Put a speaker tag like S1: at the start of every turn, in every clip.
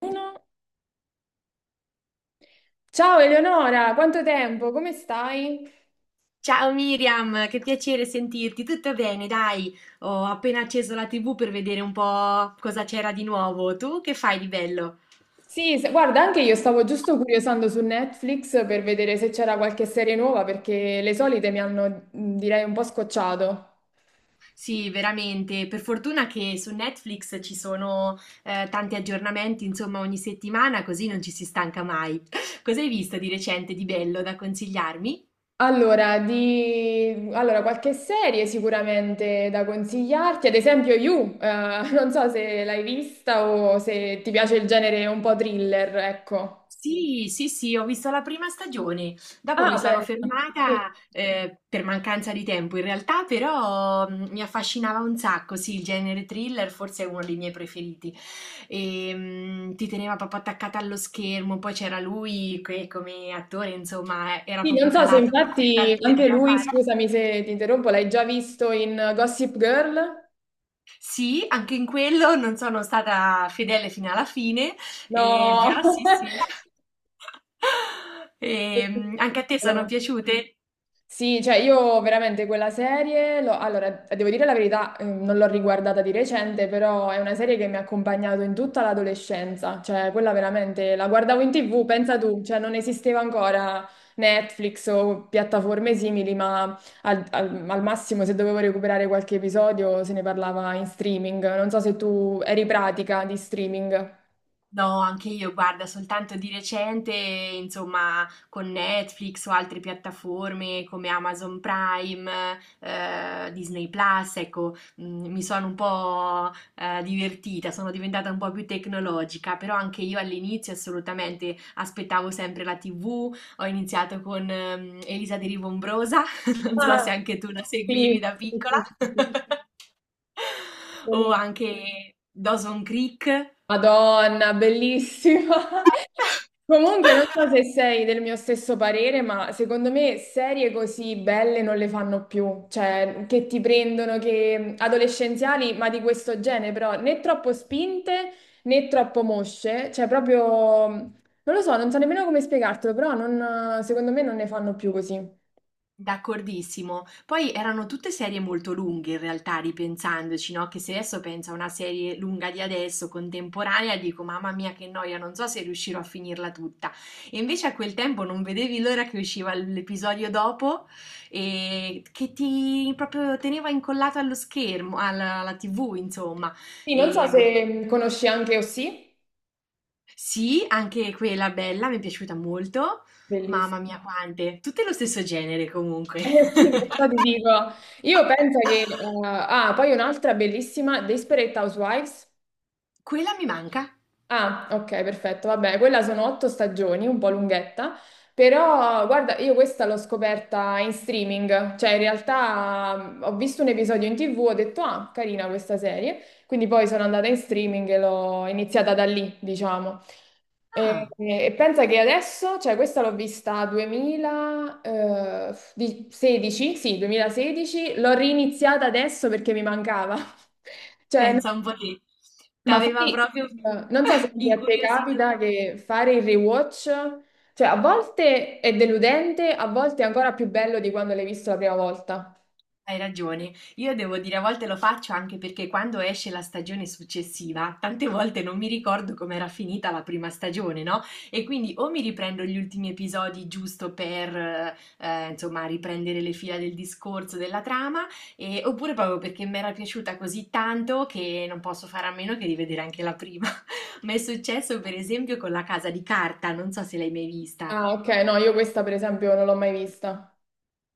S1: Uno. Ciao Eleonora, quanto tempo? Come stai?
S2: Ciao Miriam, che piacere sentirti. Tutto bene, dai. Ho appena acceso la TV per vedere un po' cosa c'era di nuovo. Tu che fai di bello?
S1: Sì, guarda, anche io stavo giusto curiosando su Netflix per vedere se c'era qualche serie nuova perché le solite mi hanno, direi, un po' scocciato.
S2: Sì, veramente. Per fortuna che su Netflix ci sono tanti aggiornamenti, insomma, ogni settimana, così non ci si stanca mai. Cosa hai visto di recente di bello da consigliarmi?
S1: Allora, qualche serie sicuramente da consigliarti, ad esempio You, non so se l'hai vista o se ti piace il genere un po' thriller, ecco.
S2: Sì, sì, sì, ho visto la prima stagione, dopo mi
S1: Ah,
S2: sono
S1: beh.
S2: fermata per mancanza di tempo in realtà, però mi affascinava un sacco, sì, il genere thriller forse è uno dei miei preferiti e ti teneva proprio attaccata allo schermo, poi c'era lui che come attore, insomma, era
S1: Sì, non
S2: proprio
S1: so se
S2: calato
S1: infatti
S2: perfettamente
S1: anche
S2: nella
S1: lui,
S2: parte.
S1: scusami se ti interrompo, l'hai già visto in Gossip Girl?
S2: Sì, anche in quello non sono stata fedele fino alla fine,
S1: No.
S2: però sì, sì. Anche a te sono
S1: No.
S2: piaciute?
S1: Sì, cioè io veramente quella serie, allora devo dire la verità, non l'ho riguardata di recente, però è una serie che mi ha accompagnato in tutta l'adolescenza, cioè quella veramente la guardavo in TV, pensa tu, cioè non esisteva ancora Netflix o piattaforme simili, ma al massimo se dovevo recuperare qualche episodio se ne parlava in streaming. Non so se tu eri pratica di streaming.
S2: No, anche io, guarda, soltanto di recente, insomma, con Netflix o altre piattaforme come Amazon Prime, Disney Plus, ecco, mi sono un po', divertita, sono diventata un po' più tecnologica, però anche io all'inizio assolutamente aspettavo sempre la TV, ho iniziato con, Elisa De Rivombrosa, non so se
S1: Ah,
S2: anche tu la seguivi
S1: sì,
S2: da
S1: sì,
S2: piccola,
S1: sì, sì, sì,
S2: o
S1: bellissimo.
S2: anche Dawson Creek.
S1: Madonna, bellissima! Comunque, non so se sei del mio stesso parere, ma secondo me serie così belle non le fanno più, cioè che ti prendono, che adolescenziali, ma di questo genere, però né troppo spinte né troppo mosce, cioè proprio, non lo so, non so nemmeno come spiegartelo, però secondo me non ne fanno più così.
S2: D'accordissimo. Poi erano tutte serie molto lunghe in realtà, ripensandoci, no? Che se adesso penso a una serie lunga di adesso, contemporanea, dico mamma mia che noia, non so se riuscirò a finirla tutta. E invece a quel tempo non vedevi l'ora che usciva l'episodio dopo e che ti proprio teneva incollato allo schermo, alla TV, insomma.
S1: Sì, non so
S2: E,
S1: se conosci anche Osì.
S2: sì, anche quella bella, mi è piaciuta molto.
S1: Bellissimo.
S2: Mamma mia, quante! Tutte lo stesso genere comunque.
S1: Eh sì, perciò ti dico, io penso che, poi un'altra bellissima, Desperate Housewives.
S2: Quella mi manca.
S1: Ah, ok, perfetto. Vabbè, quella sono 8 stagioni, un po' lunghetta, però guarda, io questa l'ho scoperta in streaming, cioè in realtà ho visto un episodio in TV, ho detto, ah, carina questa serie, quindi poi sono andata in streaming e l'ho iniziata da lì, diciamo. E,
S2: Ah,
S1: e pensa che adesso, cioè questa l'ho vista 2016, sì, 2016, l'ho riniziata adesso perché mi mancava. Cioè,
S2: pensa un po' te.
S1: ma
S2: T'aveva
S1: fai,
S2: proprio
S1: non so se anche a te
S2: incuriosito.
S1: capita che fare il rewatch, cioè a volte è deludente, a volte è ancora più bello di quando l'hai visto la prima volta.
S2: Hai ragione. Io devo dire, a volte lo faccio anche perché quando esce la stagione successiva, tante volte non mi ricordo com'era finita la prima stagione, no? E quindi o mi riprendo gli ultimi episodi giusto per, insomma, riprendere le fila del discorso, della trama, oppure proprio perché mi era piaciuta così tanto che non posso fare a meno che rivedere anche la prima. Mi è successo per esempio con La Casa di Carta, non so se l'hai mai vista.
S1: Ah, ok, no, io questa per esempio non l'ho mai vista.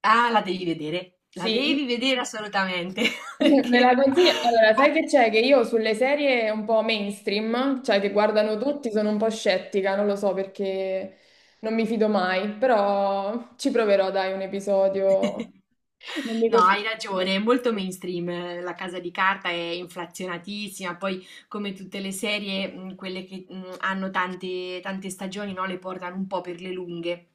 S2: Ah, la
S1: Sì?
S2: devi vedere assolutamente,
S1: Me la
S2: perché.
S1: consigli? Allora, sai che c'è? Che io sulle serie un po' mainstream, cioè che guardano
S2: Mh-mh.
S1: tutti, sono un po' scettica, non lo so perché non mi fido mai, però ci proverò, dai, un episodio. Non mi
S2: No, hai
S1: costringo.
S2: ragione, è molto mainstream, La Casa di Carta è inflazionatissima, poi come tutte le serie, quelle che, hanno tante tante stagioni, no, le portano un po' per le lunghe.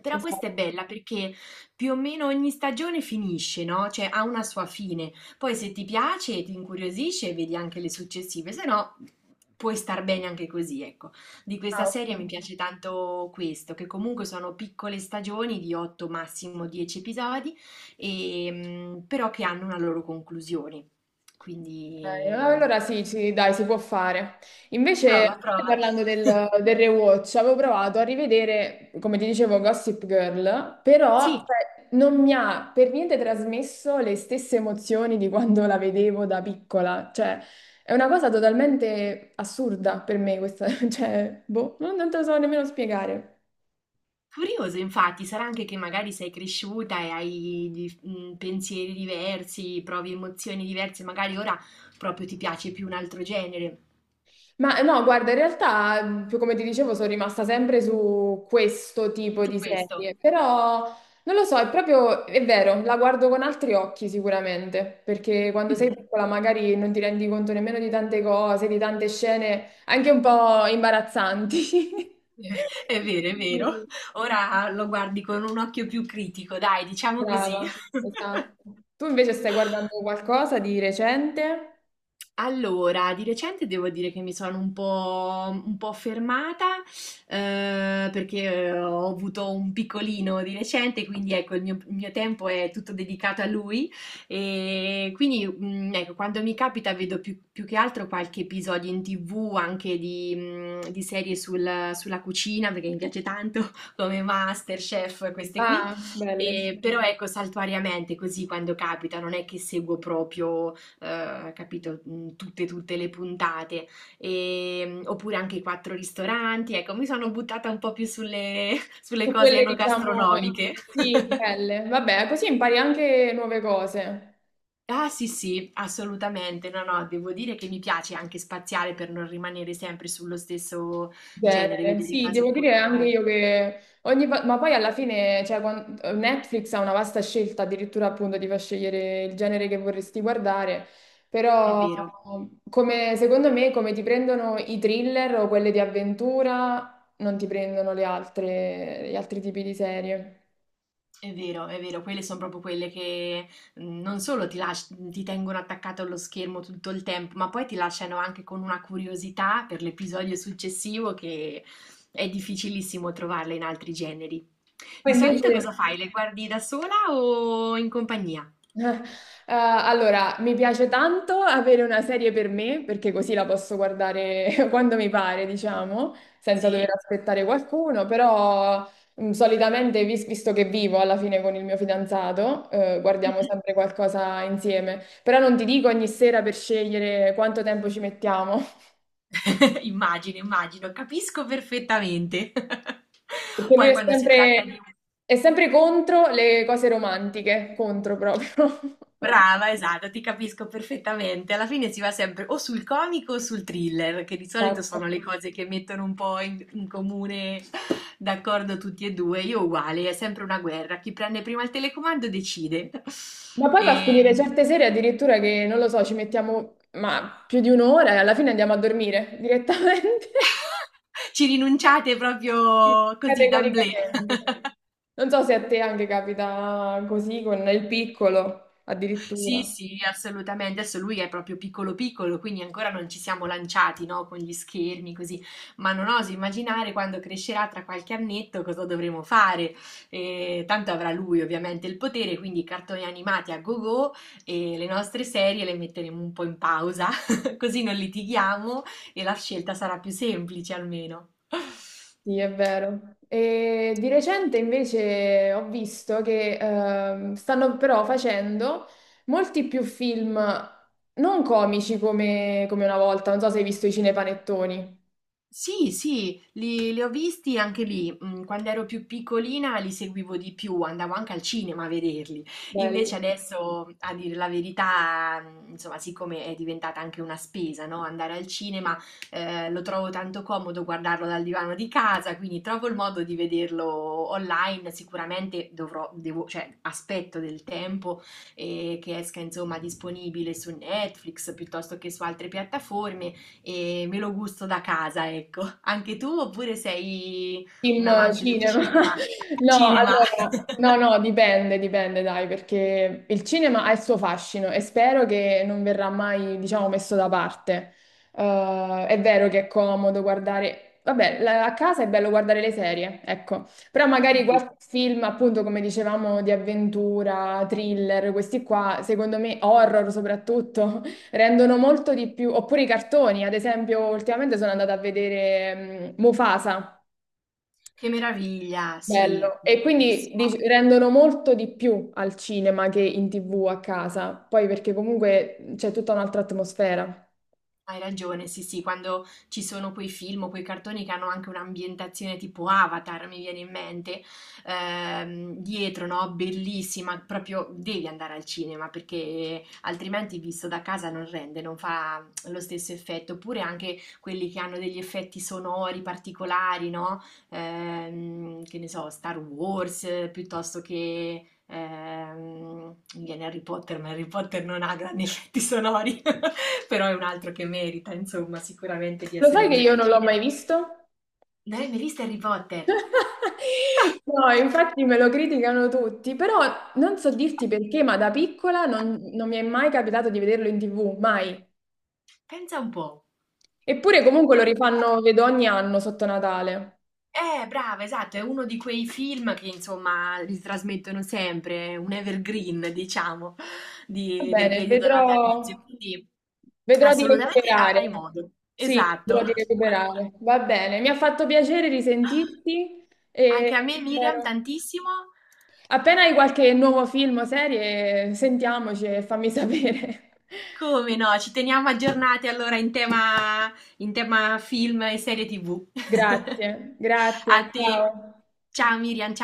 S2: Però questa è
S1: Esatto.
S2: bella perché più o meno ogni stagione finisce, no, cioè ha una sua fine. Poi se ti piace, ti incuriosisce, vedi anche le successive, se no puoi star bene anche così, ecco. Di questa
S1: Ah,
S2: serie mi
S1: ok.
S2: piace tanto questo, che comunque sono piccole stagioni di 8, massimo 10 episodi, e, però che hanno una loro conclusione.
S1: Ok,
S2: Quindi
S1: allora sì, sì, dai, si può fare.
S2: prova,
S1: Invece,
S2: prova.
S1: parlando del rewatch, avevo provato a rivedere, come ti dicevo, Gossip Girl, però
S2: Sì,
S1: cioè, non mi ha per niente trasmesso le stesse emozioni di quando la vedevo da piccola. Cioè, è una cosa totalmente assurda per me questa, cioè, boh, non te lo so nemmeno spiegare.
S2: curioso infatti, sarà anche che magari sei cresciuta e hai pensieri diversi, provi emozioni diverse, magari ora proprio ti piace più un altro genere.
S1: Ma no, guarda, in realtà, come ti dicevo, sono rimasta sempre su questo tipo
S2: Su
S1: di
S2: questo.
S1: serie, però non lo so, è proprio, è vero, la guardo con altri occhi sicuramente, perché quando sei
S2: Mm.
S1: piccola magari non ti rendi conto nemmeno di tante cose, di tante scene anche un po' imbarazzanti.
S2: È vero, è vero.
S1: Quindi,
S2: Ora lo guardi con un occhio più critico, dai, diciamo così.
S1: brava, esatto. Tu invece stai guardando qualcosa di recente?
S2: Allora, di recente devo dire che mi sono un po' fermata perché ho avuto un piccolino di recente, quindi ecco, il mio tempo è tutto dedicato a lui e quindi ecco, quando mi capita vedo più che altro qualche episodio in TV anche di serie sulla cucina perché mi piace tanto come MasterChef, queste qui.
S1: Ah, belle. Sì.
S2: E, però ecco, saltuariamente così quando capita, non è che seguo proprio capito, tutte le puntate, oppure anche i 4 ristoranti. Ecco, mi sono buttata un po' più sulle sulle
S1: Su
S2: cose
S1: quelle, diciamo,
S2: enogastronomiche.
S1: sì, belle. Vabbè, così impari anche nuove cose.
S2: Ah sì, sì, assolutamente. No, no, devo dire che mi piace anche spaziare per non rimanere sempre sullo stesso genere,
S1: Genere.
S2: vedere
S1: Sì,
S2: cose un
S1: devo dire anche
S2: pochino.
S1: io che ogni ma poi alla fine, cioè, Netflix ha una vasta scelta, addirittura appunto ti fa scegliere il genere che vorresti guardare,
S2: È
S1: però
S2: vero.
S1: come, secondo me come ti prendono i thriller o quelle di avventura, non ti prendono le altre, gli altri tipi di serie.
S2: È vero, è vero, quelle son proprio quelle che, non solo ti tengono attaccato allo schermo tutto il tempo, ma poi ti lasciano anche con una curiosità per l'episodio successivo che è difficilissimo trovarla in altri generi.
S1: Poi
S2: Di solito
S1: invece
S2: cosa fai? Le guardi da sola o in compagnia?
S1: eh, allora, mi piace tanto avere una serie per me, perché così la posso guardare quando mi pare, diciamo, senza dover
S2: Sì.
S1: aspettare qualcuno, però solitamente, visto che vivo alla fine con il mio fidanzato, guardiamo
S2: Mh-mh.
S1: sempre qualcosa insieme. Però non ti dico ogni sera per scegliere quanto tempo ci mettiamo,
S2: Immagino, immagino, capisco perfettamente.
S1: perché lui
S2: Poi
S1: è
S2: quando si tratta di
S1: sempre,
S2: un.
S1: è sempre contro le cose romantiche, contro proprio.
S2: Brava, esatto, ti capisco perfettamente. Alla fine si va sempre o sul comico o sul thriller, che di solito
S1: Esatto.
S2: sono le cose che mettono un po' in comune d'accordo tutti e due. Io uguale, è sempre una guerra. Chi prende prima il telecomando decide.
S1: Ma poi va a finire
S2: E.
S1: certe sere addirittura che, non lo so, ci mettiamo ma più di un'ora e alla fine andiamo a dormire direttamente,
S2: Ci rinunciate proprio così, d'emblée.
S1: categoricamente. Non so se a te anche capita così con il piccolo,
S2: Sì,
S1: addirittura.
S2: sì, assolutamente. Adesso lui è proprio piccolo piccolo, quindi ancora non ci siamo lanciati, no, con gli schermi così, ma non oso immaginare quando crescerà tra qualche annetto cosa dovremo fare. Tanto avrà lui ovviamente il potere, quindi cartoni animati a go-go e le nostre serie le metteremo un po' in pausa, così non litighiamo e la scelta sarà più semplice almeno.
S1: Sì, è vero. E di recente invece ho visto che stanno però facendo molti più film non comici come una volta. Non so se hai visto i cinepanettoni.
S2: Sì, sì, li ho visti anche lì. Quando ero più piccolina li seguivo di più, andavo anche al cinema a vederli. Invece
S1: Belli.
S2: adesso, a dire la verità, insomma, siccome è diventata anche una spesa, no? Andare al cinema, lo trovo tanto comodo guardarlo dal divano di casa, quindi trovo il modo di vederlo online. Sicuramente dovrò, devo, cioè, aspetto del tempo, che esca, insomma, disponibile su Netflix piuttosto che su altre piattaforme e me lo gusto da casa, ecco. Anche tu oppure sei un
S1: Film,
S2: amante del
S1: cinema.
S2: cinema?
S1: No,
S2: Cinema!
S1: allora, no, no, dipende, dipende, dai, perché il cinema ha il suo fascino e spero che non verrà mai, diciamo, messo da parte. È vero che è comodo guardare, vabbè, a casa è bello guardare le serie, ecco, però
S2: È
S1: magari qualche
S2: vero.
S1: film, appunto, come dicevamo, di avventura, thriller, questi qua, secondo me, horror soprattutto, rendono molto di più, oppure i cartoni, ad esempio, ultimamente sono andata a vedere Mufasa.
S2: Che meraviglia, sì,
S1: Bello. E quindi
S2: bellissimo.
S1: rendono molto di più al cinema che in TV a casa, poi perché comunque c'è tutta un'altra atmosfera.
S2: Hai ragione, sì, sì, quando ci sono quei film o quei cartoni che hanno anche un'ambientazione tipo Avatar, mi viene in mente, dietro, no? Bellissima, proprio devi andare al cinema perché altrimenti visto da casa non rende, non fa lo stesso effetto. Oppure anche quelli che hanno degli effetti sonori particolari, no? Che ne so, Star Wars, piuttosto che mi viene Harry Potter, ma Harry Potter non ha grandi effetti sonori. Però è un altro che merita, insomma, sicuramente di
S1: Lo
S2: essere
S1: sai che
S2: visto
S1: io
S2: al
S1: non l'ho mai
S2: cinema.
S1: visto?
S2: Non hai mai visto Harry Potter?
S1: No, infatti me lo criticano tutti, però non so dirti perché, ma da piccola non mi è mai capitato di vederlo in TV, mai.
S2: Pensa un po'.
S1: Eppure comunque lo rifanno, vedo ogni anno sotto Natale.
S2: Brava, esatto, è uno di quei film che insomma li trasmettono sempre, è un evergreen, diciamo,
S1: Va
S2: del
S1: bene,
S2: periodo natalizio.
S1: vedrò,
S2: Quindi
S1: vedrò di
S2: assolutamente avrai
S1: recuperare.
S2: modo.
S1: Sì, vedrò
S2: Esatto.
S1: di recuperare. Va bene, mi ha fatto piacere risentirti e
S2: Anche a me, Miriam,
S1: spero.
S2: tantissimo.
S1: Appena hai qualche nuovo film o serie, sentiamoci e fammi sapere.
S2: Come no? Ci teniamo aggiornati allora in tema film e serie TV.
S1: Grazie,
S2: A
S1: grazie,
S2: te.
S1: ciao.
S2: Ciao Miriam, ciao.